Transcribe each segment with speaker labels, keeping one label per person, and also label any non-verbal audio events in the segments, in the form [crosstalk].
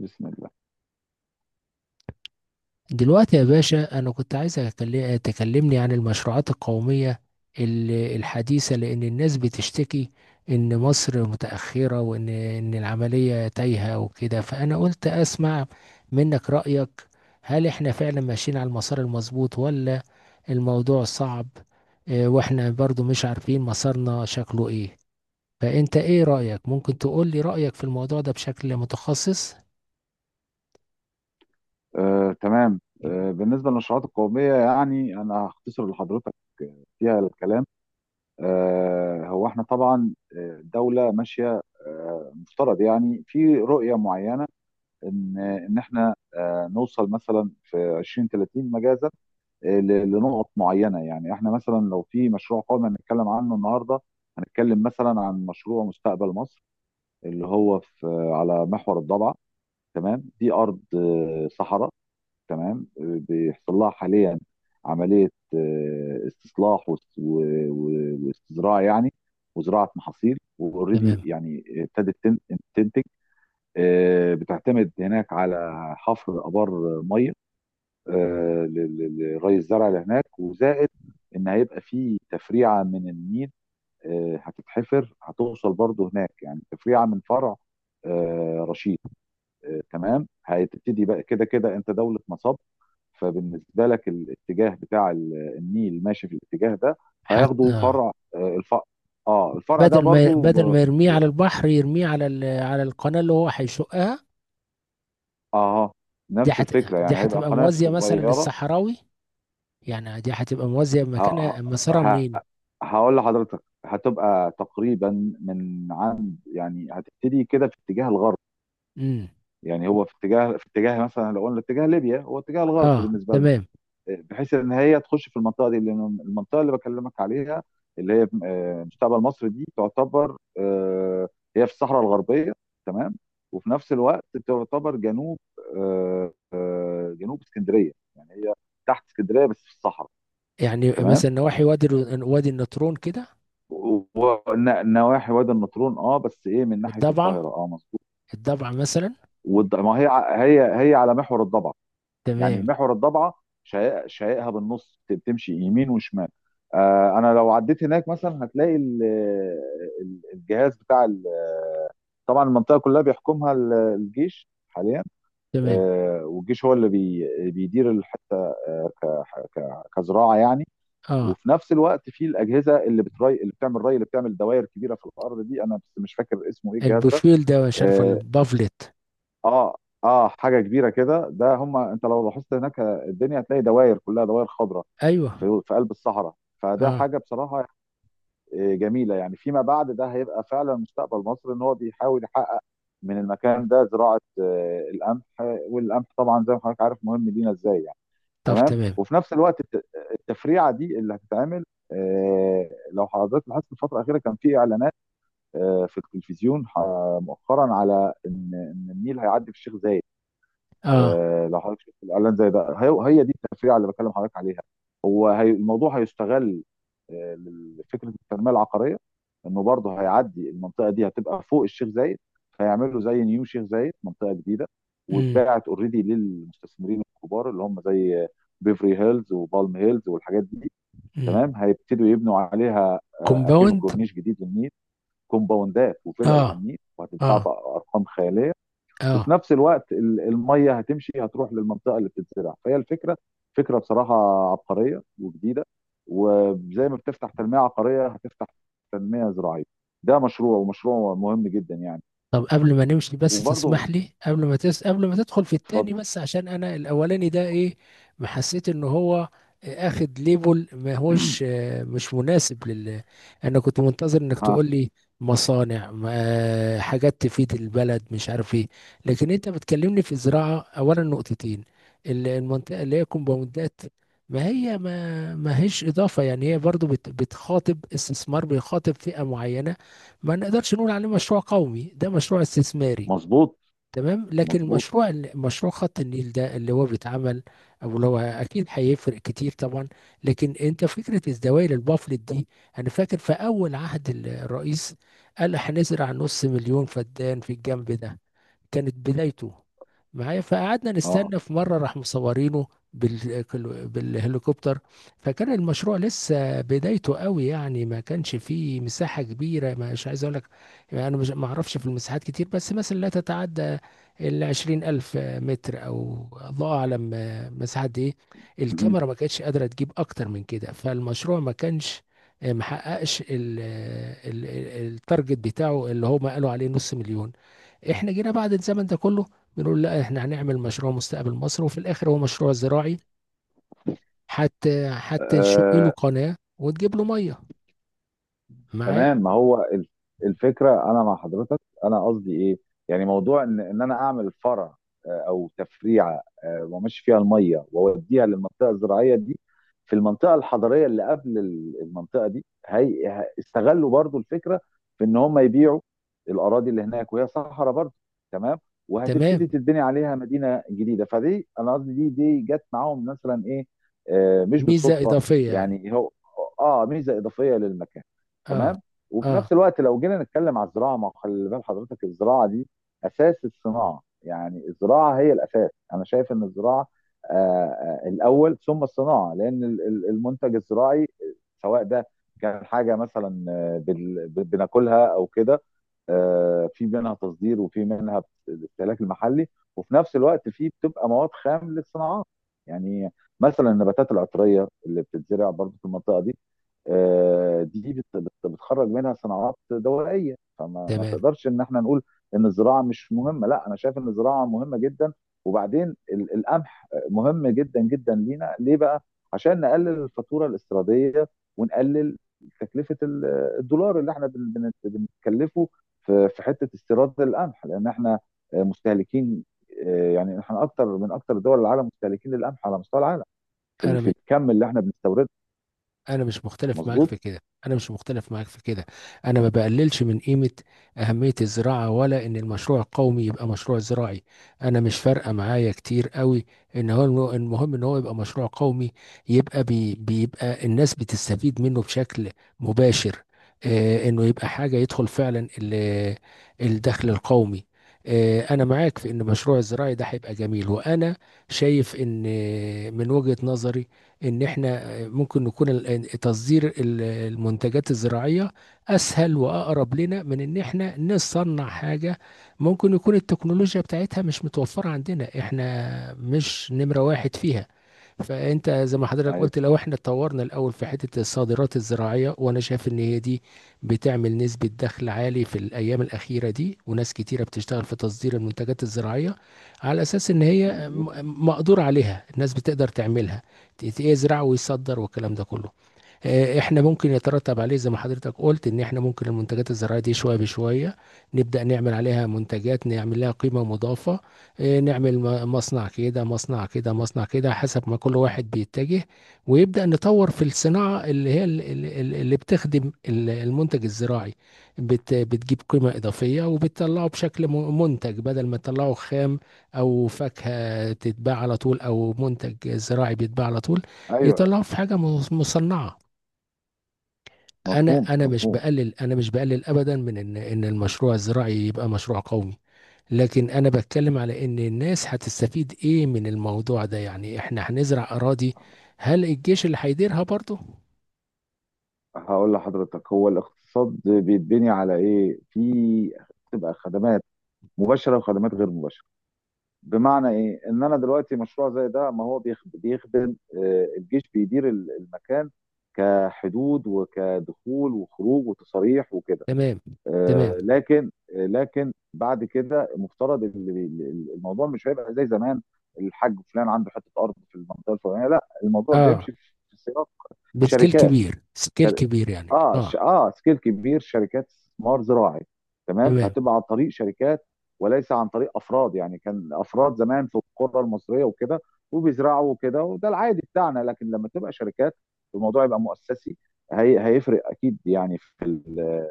Speaker 1: بسم الله.
Speaker 2: دلوقتي يا باشا، أنا كنت عايز تكلمني عن المشروعات القومية الحديثة، لأن الناس بتشتكي إن مصر متأخرة، وإن العملية تايهة وكده. فأنا قلت أسمع منك رأيك. هل إحنا فعلا ماشيين على المسار المظبوط، ولا الموضوع صعب؟ وإحنا برضو مش عارفين مسارنا شكله إيه. فأنت إيه رأيك؟ ممكن تقول لي رأيك في الموضوع ده بشكل متخصص؟
Speaker 1: تمام. بالنسبه للنشرات القوميه، يعني انا هختصر لحضرتك فيها الكلام. هو احنا طبعا، الدوله ماشيه، مفترض يعني في رؤيه معينه، ان احنا نوصل مثلا في 2030 مجازا لنقط معينه. يعني احنا مثلا لو في مشروع قومي هنتكلم عنه النهارده، هنتكلم مثلا عن مشروع مستقبل مصر اللي هو في على محور الضبعه. تمام، دي ارض صحراء، تمام. بيحصل لها حاليا عمليه استصلاح وازراع يعني، وزراعه محاصيل، واوريدي
Speaker 2: تمام.
Speaker 1: يعني تنتج. بتعتمد هناك على حفر ابار ميه، آه، ل- لري الزرع اللي هناك، وزائد ان هيبقى في تفريعه من النيل هتتحفر، هتوصل برضه هناك، يعني تفريعه من فرع رشيد. تمام، هتبتدي بقى كده كده انت دولة مصب، فبالنسبة لك الاتجاه بتاع النيل ماشي في الاتجاه ده. هياخدوا
Speaker 2: حتى.
Speaker 1: فرع، الفرع، اه الفرع ده
Speaker 2: بدل ما
Speaker 1: برضو
Speaker 2: بدل
Speaker 1: ب...
Speaker 2: ما يرميه
Speaker 1: لا،
Speaker 2: على البحر، يرميه على على القناة اللي هو هيشقها.
Speaker 1: اه،
Speaker 2: دي
Speaker 1: نفس
Speaker 2: هت...
Speaker 1: الفكرة،
Speaker 2: دي
Speaker 1: يعني هيبقى
Speaker 2: هتبقى
Speaker 1: قناة
Speaker 2: موازية مثلا
Speaker 1: صغيرة.
Speaker 2: للصحراوي. يعني دي هتبقى موازية،
Speaker 1: ه... ه...
Speaker 2: مكانها مسارها منين؟
Speaker 1: ه- هقول لحضرتك هتبقى تقريبا من عند، يعني هتبتدي كده في اتجاه الغرب.
Speaker 2: امم
Speaker 1: يعني هو في اتجاه، في اتجاه مثلا لو قلنا اتجاه ليبيا، هو اتجاه الغرب
Speaker 2: اه،
Speaker 1: بالنسبة.
Speaker 2: تمام.
Speaker 1: بحيث ان هي تخش في المنطقه دي، لان المنطقه اللي بكلمك عليها اللي هي مستقبل مصر، دي تعتبر هي في الصحراء الغربيه، تمام. وفي نفس الوقت تعتبر جنوب، جنوب اسكندريه، يعني هي تحت اسكندريه بس في الصحراء.
Speaker 2: يعني
Speaker 1: تمام،
Speaker 2: مثلا نواحي وادي النطرون كده.
Speaker 1: ونواحي وادي النطرون، اه، بس ايه من ناحيه
Speaker 2: والضبعة.
Speaker 1: القاهره، اه مظبوط.
Speaker 2: الضبعة مثلا.
Speaker 1: والض- ما هي ع- هي هي على محور الضبع، يعني
Speaker 2: تمام.
Speaker 1: محور الضبعه. شقائقها بالنص بتمشي يمين وشمال. انا لو عديت هناك مثلا هتلاقي الجهاز بتاع طبعا المنطقه كلها بيحكمها الجيش حاليا.
Speaker 2: تمام.
Speaker 1: والجيش هو اللي بيدير الحته آه، ك- كزراعه يعني.
Speaker 2: اه،
Speaker 1: وفي نفس الوقت في الاجهزه اللي بتري، اللي بتعمل ري، اللي بتعمل دوائر كبيره في الارض دي، انا بس مش فاكر اسمه ايه الجهاز ده.
Speaker 2: البوفيل ده مش عارف،
Speaker 1: آه،
Speaker 2: البافلت.
Speaker 1: اه اه، حاجه كبيره كده، ده هم انت لو لاحظت هناك الدنيا هتلاقي دوائر، كلها دوائر خضراء
Speaker 2: ايوه.
Speaker 1: في في قلب الصحراء. فده
Speaker 2: اه.
Speaker 1: حاجه بصراحه جميله. يعني فيما بعد ده هيبقى فعلا مستقبل مصر، ان هو بيحاول يحقق من المكان ده زراعه القمح. والقمح طبعا زي ما حضرتك عارف مهم لينا ازاي، يعني.
Speaker 2: طب
Speaker 1: تمام،
Speaker 2: تمام.
Speaker 1: وفي نفس الوقت التفريعه دي اللي هتتعمل، لو حضرتك لاحظت الفتره الاخيره كان في اعلانات في التلفزيون مؤخرا على ان إن النيل هيعدي في الشيخ زايد.
Speaker 2: اه.
Speaker 1: لو حضرتك شفت الاعلان زي ده، هي دي التفريعه اللي بكلم حضرتك عليها. هي الموضوع هيستغل لفكره التنميه العقاريه، انه برضه هيعدي المنطقه دي هتبقى فوق الشيخ زايد، فيعملوا زي نيو شيخ زايد منطقه جديده.
Speaker 2: امم
Speaker 1: واتباعت اوريدي للمستثمرين الكبار اللي هم زي بيفري هيلز وبالم هيلز والحاجات دي.
Speaker 2: امم
Speaker 1: تمام، هيبتدوا يبنوا عليها اكنه
Speaker 2: كومباوند.
Speaker 1: كورنيش جديد للنيل، كومباوندات وفلل
Speaker 2: اه،
Speaker 1: على النيل، وهتتباع
Speaker 2: اه،
Speaker 1: بارقام خياليه. وفي
Speaker 2: اه.
Speaker 1: نفس الوقت الميه هتمشي، هتروح للمنطقه اللي بتتزرع، فهي الفكره، فكره بصراحه عبقريه وجديده. وزي ما بتفتح تنميه عقاريه، هتفتح تنميه زراعيه. ده مشروع، ومشروع مهم جدا، يعني.
Speaker 2: طب قبل ما نمشي، بس
Speaker 1: وبرضه
Speaker 2: تسمح لي، قبل ما قبل ما تدخل في
Speaker 1: اتفضل.
Speaker 2: التاني، بس عشان انا الاولاني ده ايه؟ ما حسيت ان هو اخد ليبل، ما هوش
Speaker 1: [clears throat]
Speaker 2: مش مناسب لل. انا كنت منتظر انك
Speaker 1: ها.
Speaker 2: تقول لي مصانع، حاجات تفيد البلد، مش عارف ايه. لكن انت بتكلمني في زراعة، اولا نقطتين، المنطقة اللي هي كومباوندات ما هي، ما هيش اضافة. يعني هي برضو بتخاطب استثمار، بيخاطب فئة معينة. ما نقدرش نقول عليه مشروع قومي، ده مشروع استثماري.
Speaker 1: مظبوط،
Speaker 2: تمام. لكن
Speaker 1: مظبوط،
Speaker 2: مشروع خط النيل ده اللي هو بيتعمل، او اللي هو اكيد هيفرق كتير طبعا. لكن انت فكره الزوايا للبافلت دي، انا فاكر في اول عهد الرئيس قال هنزرع نص مليون فدان في الجنب ده. كانت بدايته معايا، فقعدنا
Speaker 1: اه،
Speaker 2: نستنى. في مره راح مصورينه بال... بالهليكوبتر. فكان المشروع لسه بدايته قوي، يعني ما كانش فيه مساحه كبيره، مش عايز اقول لك يعني، انا مش ما اعرفش في المساحات كتير، بس مثلا لا تتعدى 20 ألف متر، أو الله أعلم مساحة إيه.
Speaker 1: مهم.
Speaker 2: الكاميرا ما كانتش قادرة تجيب أكتر من كده. فالمشروع ما كانش محققش التارجت بتاعه اللي هما قالوا عليه نص مليون. احنا جينا بعد الزمن ده كله بنقول لا، احنا هنعمل مشروع مستقبل مصر، وفي الاخر هو مشروع زراعي، حتى نشق له
Speaker 1: آه،
Speaker 2: قناة وتجيب له مية. معايا.
Speaker 1: تمام، ما هو الفكره، انا مع حضرتك، انا قصدي ايه، يعني موضوع ان انا اعمل فرع او تفريعه وامشي فيها الميه واوديها للمنطقه الزراعيه دي. في المنطقه الحضريه اللي قبل المنطقه دي، استغلوا برضو الفكره في ان هم يبيعوا الاراضي اللي هناك وهي صحراء برضو، تمام.
Speaker 2: تمام.
Speaker 1: وهتبتدي تتبني عليها مدينه جديده، فدي انا قصدي دي جت معاهم مثلا ايه مش
Speaker 2: ميزة
Speaker 1: بالصدفه.
Speaker 2: إضافية يعني.
Speaker 1: يعني هو اه ميزه اضافيه للمكان،
Speaker 2: اه.
Speaker 1: تمام. وفي
Speaker 2: اه.
Speaker 1: نفس الوقت لو جينا نتكلم على الزراعه، ما هو خلي بال حضرتك الزراعه دي اساس الصناعه، يعني الزراعه هي الاساس. انا شايف ان الزراعه آه، الاول ثم الصناعه، لان المنتج الزراعي سواء ده كان حاجه مثلا بناكلها او كده، في منها تصدير، وفي منها الاستهلاك المحلي، وفي نفس الوقت في بتبقى مواد خام للصناعات. يعني مثلا النباتات العطريه اللي بتتزرع برضه في المنطقه دي، دي بتخرج منها صناعات دوائيه. فما ما
Speaker 2: تمام.
Speaker 1: تقدرش ان احنا نقول ان الزراعه مش مهمه، لا انا شايف ان الزراعه مهمه جدا. وبعدين القمح مهم جدا جدا لينا ليه بقى؟ عشان نقلل الفاتوره الاستيراديه، ونقلل تكلفه الدولار اللي احنا بنتكلفه في في حته استيراد القمح، لان احنا مستهلكين يعني احنا اكتر من اكتر دول العالم مستهلكين للقمح على مستوى العالم، في في
Speaker 2: انا
Speaker 1: الكم اللي احنا بنستورده.
Speaker 2: انا مش مختلف معاك
Speaker 1: مظبوط.
Speaker 2: في كده. انا مش مختلف معاك في كده. انا ما بقللش من قيمه اهميه الزراعه، ولا ان المشروع القومي يبقى مشروع زراعي. انا مش فارقه معايا كتير قوي، ان هو المهم ان هو يبقى مشروع قومي، يبقى بيبقى الناس بتستفيد منه بشكل مباشر. انه يبقى حاجه يدخل فعلا الدخل القومي. انا معاك في ان مشروع الزراعي ده هيبقى جميل، وانا شايف ان، من وجهه نظري، ان احنا ممكن نكون تصدير المنتجات الزراعية أسهل وأقرب لنا من إن إحنا نصنع حاجة ممكن يكون التكنولوجيا بتاعتها مش متوفرة عندنا، إحنا مش نمرة واحد فيها. فانت زي ما حضرتك
Speaker 1: ايوه،
Speaker 2: قلت، لو احنا اتطورنا الاول في حته الصادرات الزراعيه. وانا شايف ان هي دي بتعمل نسبه دخل عالي في الايام الاخيره دي، وناس كتيره بتشتغل في تصدير المنتجات الزراعيه، على اساس ان هي
Speaker 1: مظبوط.
Speaker 2: مقدور عليها، الناس بتقدر تعملها، يزرع ويصدر والكلام ده كله. احنا ممكن يترتب عليه، زي ما حضرتك قلت، ان احنا ممكن المنتجات الزراعية دي شوية بشوية نبدأ نعمل عليها منتجات، نعمل لها قيمة مضافة. نعمل مصنع كده مصنع كده مصنع كده، حسب ما كل واحد بيتجه. ويبدأ نطور في الصناعة اللي هي اللي بتخدم المنتج الزراعي، بتجيب قيمة إضافية، وبتطلعه بشكل منتج بدل ما تطلعه خام أو فاكهة تتباع على طول أو منتج زراعي بيتباع على طول،
Speaker 1: ايوه،
Speaker 2: يطلعه في حاجة مصنعة.
Speaker 1: مفهوم،
Speaker 2: انا انا مش
Speaker 1: مفهوم.
Speaker 2: بقلل انا مش بقلل ابدا من ان المشروع الزراعي يبقى مشروع قومي. لكن انا بتكلم على ان الناس هتستفيد ايه من الموضوع ده، يعني احنا هنزرع اراضي، هل الجيش اللي هيديرها برضه؟
Speaker 1: هقول لحضرتك، هو الاقتصاد بيتبني على ايه، في بتبقى خدمات مباشره وخدمات غير مباشره. بمعنى ايه، ان انا دلوقتي مشروع زي ده، ما هو بيخدم، الجيش بيدير المكان كحدود وكدخول وخروج وتصاريح وكده،
Speaker 2: تمام.
Speaker 1: آه،
Speaker 2: تمام.
Speaker 1: لكن لكن بعد كده المفترض الموضوع مش هيبقى زي زمان، الحاج فلان عنده حته ارض في المنطقه الفلانيه، لا الموضوع
Speaker 2: اه،
Speaker 1: بيمشي في في سياق
Speaker 2: بسكيل
Speaker 1: شركات.
Speaker 2: كبير، سكيل كبير يعني.
Speaker 1: اه
Speaker 2: اه.
Speaker 1: ش... اه سكيل كبير، شركات استثمار زراعي، تمام.
Speaker 2: تمام.
Speaker 1: فهتبقى عن طريق شركات وليس عن طريق افراد. يعني كان افراد زمان في القرى المصريه وكده وبيزرعوا وكده، وده العادي بتاعنا، لكن لما تبقى شركات الموضوع يبقى مؤسسي. هيفرق اكيد، يعني في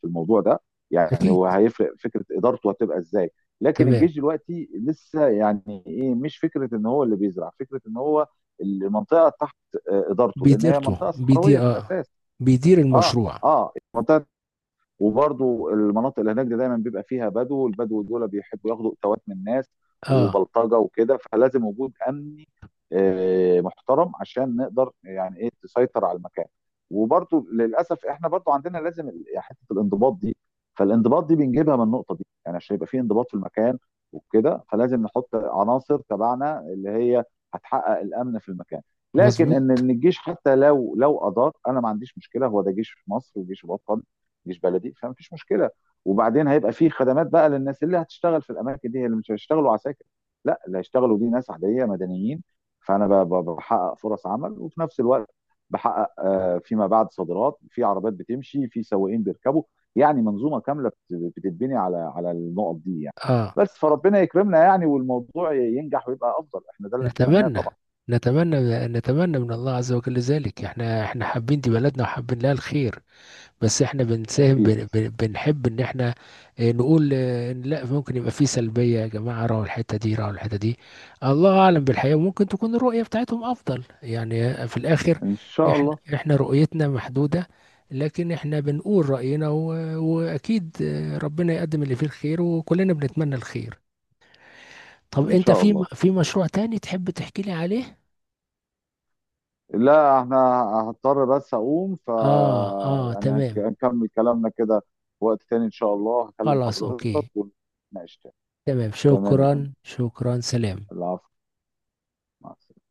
Speaker 1: في الموضوع ده، يعني
Speaker 2: اكيد.
Speaker 1: وهيفرق فكره ادارته هتبقى ازاي. لكن
Speaker 2: تمام.
Speaker 1: الجيش دلوقتي لسه يعني ايه، مش فكره ان هو اللي بيزرع، فكره ان هو المنطقه تحت ادارته، لان هي
Speaker 2: بيديرته
Speaker 1: منطقه صحراويه
Speaker 2: بيدير
Speaker 1: في
Speaker 2: اه
Speaker 1: الاساس.
Speaker 2: بيدير
Speaker 1: اه،
Speaker 2: المشروع.
Speaker 1: اه، المنطقه. وبرضو المناطق اللي هناك دي دايما بيبقى فيها بدو، والبدو دول بيحبوا ياخدوا اتوات من الناس
Speaker 2: اه.
Speaker 1: وبلطجه وكده، فلازم وجود امني محترم عشان نقدر يعني ايه تسيطر على المكان. وبرضو للاسف احنا برضو عندنا لازم يعني حته الانضباط دي، فالانضباط دي بنجيبها من النقطه دي، يعني عشان يبقى في انضباط في المكان وكده، فلازم نحط عناصر تبعنا اللي هي هتحقق الامن في المكان. لكن ان
Speaker 2: مظبوط.
Speaker 1: إن الجيش حتى لو ادار، انا ما عنديش مشكله، هو ده جيش في مصر وجيش وطني، جيش بلدي، فمفيش مشكله. وبعدين هيبقى في خدمات بقى للناس اللي هتشتغل في الاماكن دي، هي اللي مش هيشتغلوا عساكر، لا اللي هيشتغلوا دي ناس عاديه مدنيين. فانا بحقق فرص عمل، وفي نفس الوقت بحقق فيما بعد صادرات، في عربيات بتمشي، في سواقين بيركبوا، يعني منظومه كامله بتتبني على على النقط دي، يعني.
Speaker 2: اه.
Speaker 1: بس فربنا يكرمنا يعني، والموضوع ينجح ويبقى افضل، احنا ده اللي نتمناه
Speaker 2: نتمنى.
Speaker 1: طبعا.
Speaker 2: نتمنى. نتمنى من الله عز وجل ذلك. احنا، حابين دي بلدنا وحابين لها الخير. بس احنا بنساهم،
Speaker 1: اكيد.
Speaker 2: بنحب ان احنا اه، نقول ان لا، ممكن يبقى في سلبية، يا جماعة راحوا الحتة دي راحوا الحتة دي. الله اعلم بالحقيقة، ممكن تكون الرؤية بتاعتهم افضل، يعني في الاخر
Speaker 1: ان شاء
Speaker 2: احنا،
Speaker 1: الله،
Speaker 2: رؤيتنا محدودة. لكن احنا بنقول رأينا، واكيد ربنا يقدم اللي فيه الخير، وكلنا بنتمنى الخير. طب
Speaker 1: ان
Speaker 2: انت
Speaker 1: شاء
Speaker 2: في
Speaker 1: الله.
Speaker 2: في مشروع تاني تحب تحكي لي عليه؟
Speaker 1: لا احنا هضطر بس اقوم، ف
Speaker 2: آه. آه.
Speaker 1: يعني
Speaker 2: تمام.
Speaker 1: هنكمل كلامنا كده في وقت تاني، ان شاء الله هكلم
Speaker 2: خلاص.
Speaker 1: حضرتك
Speaker 2: أوكي.
Speaker 1: ونناقش تاني.
Speaker 2: تمام.
Speaker 1: تمام يا فندم.
Speaker 2: شكرا. شكرا. سلام.
Speaker 1: العفو، مع السلامة.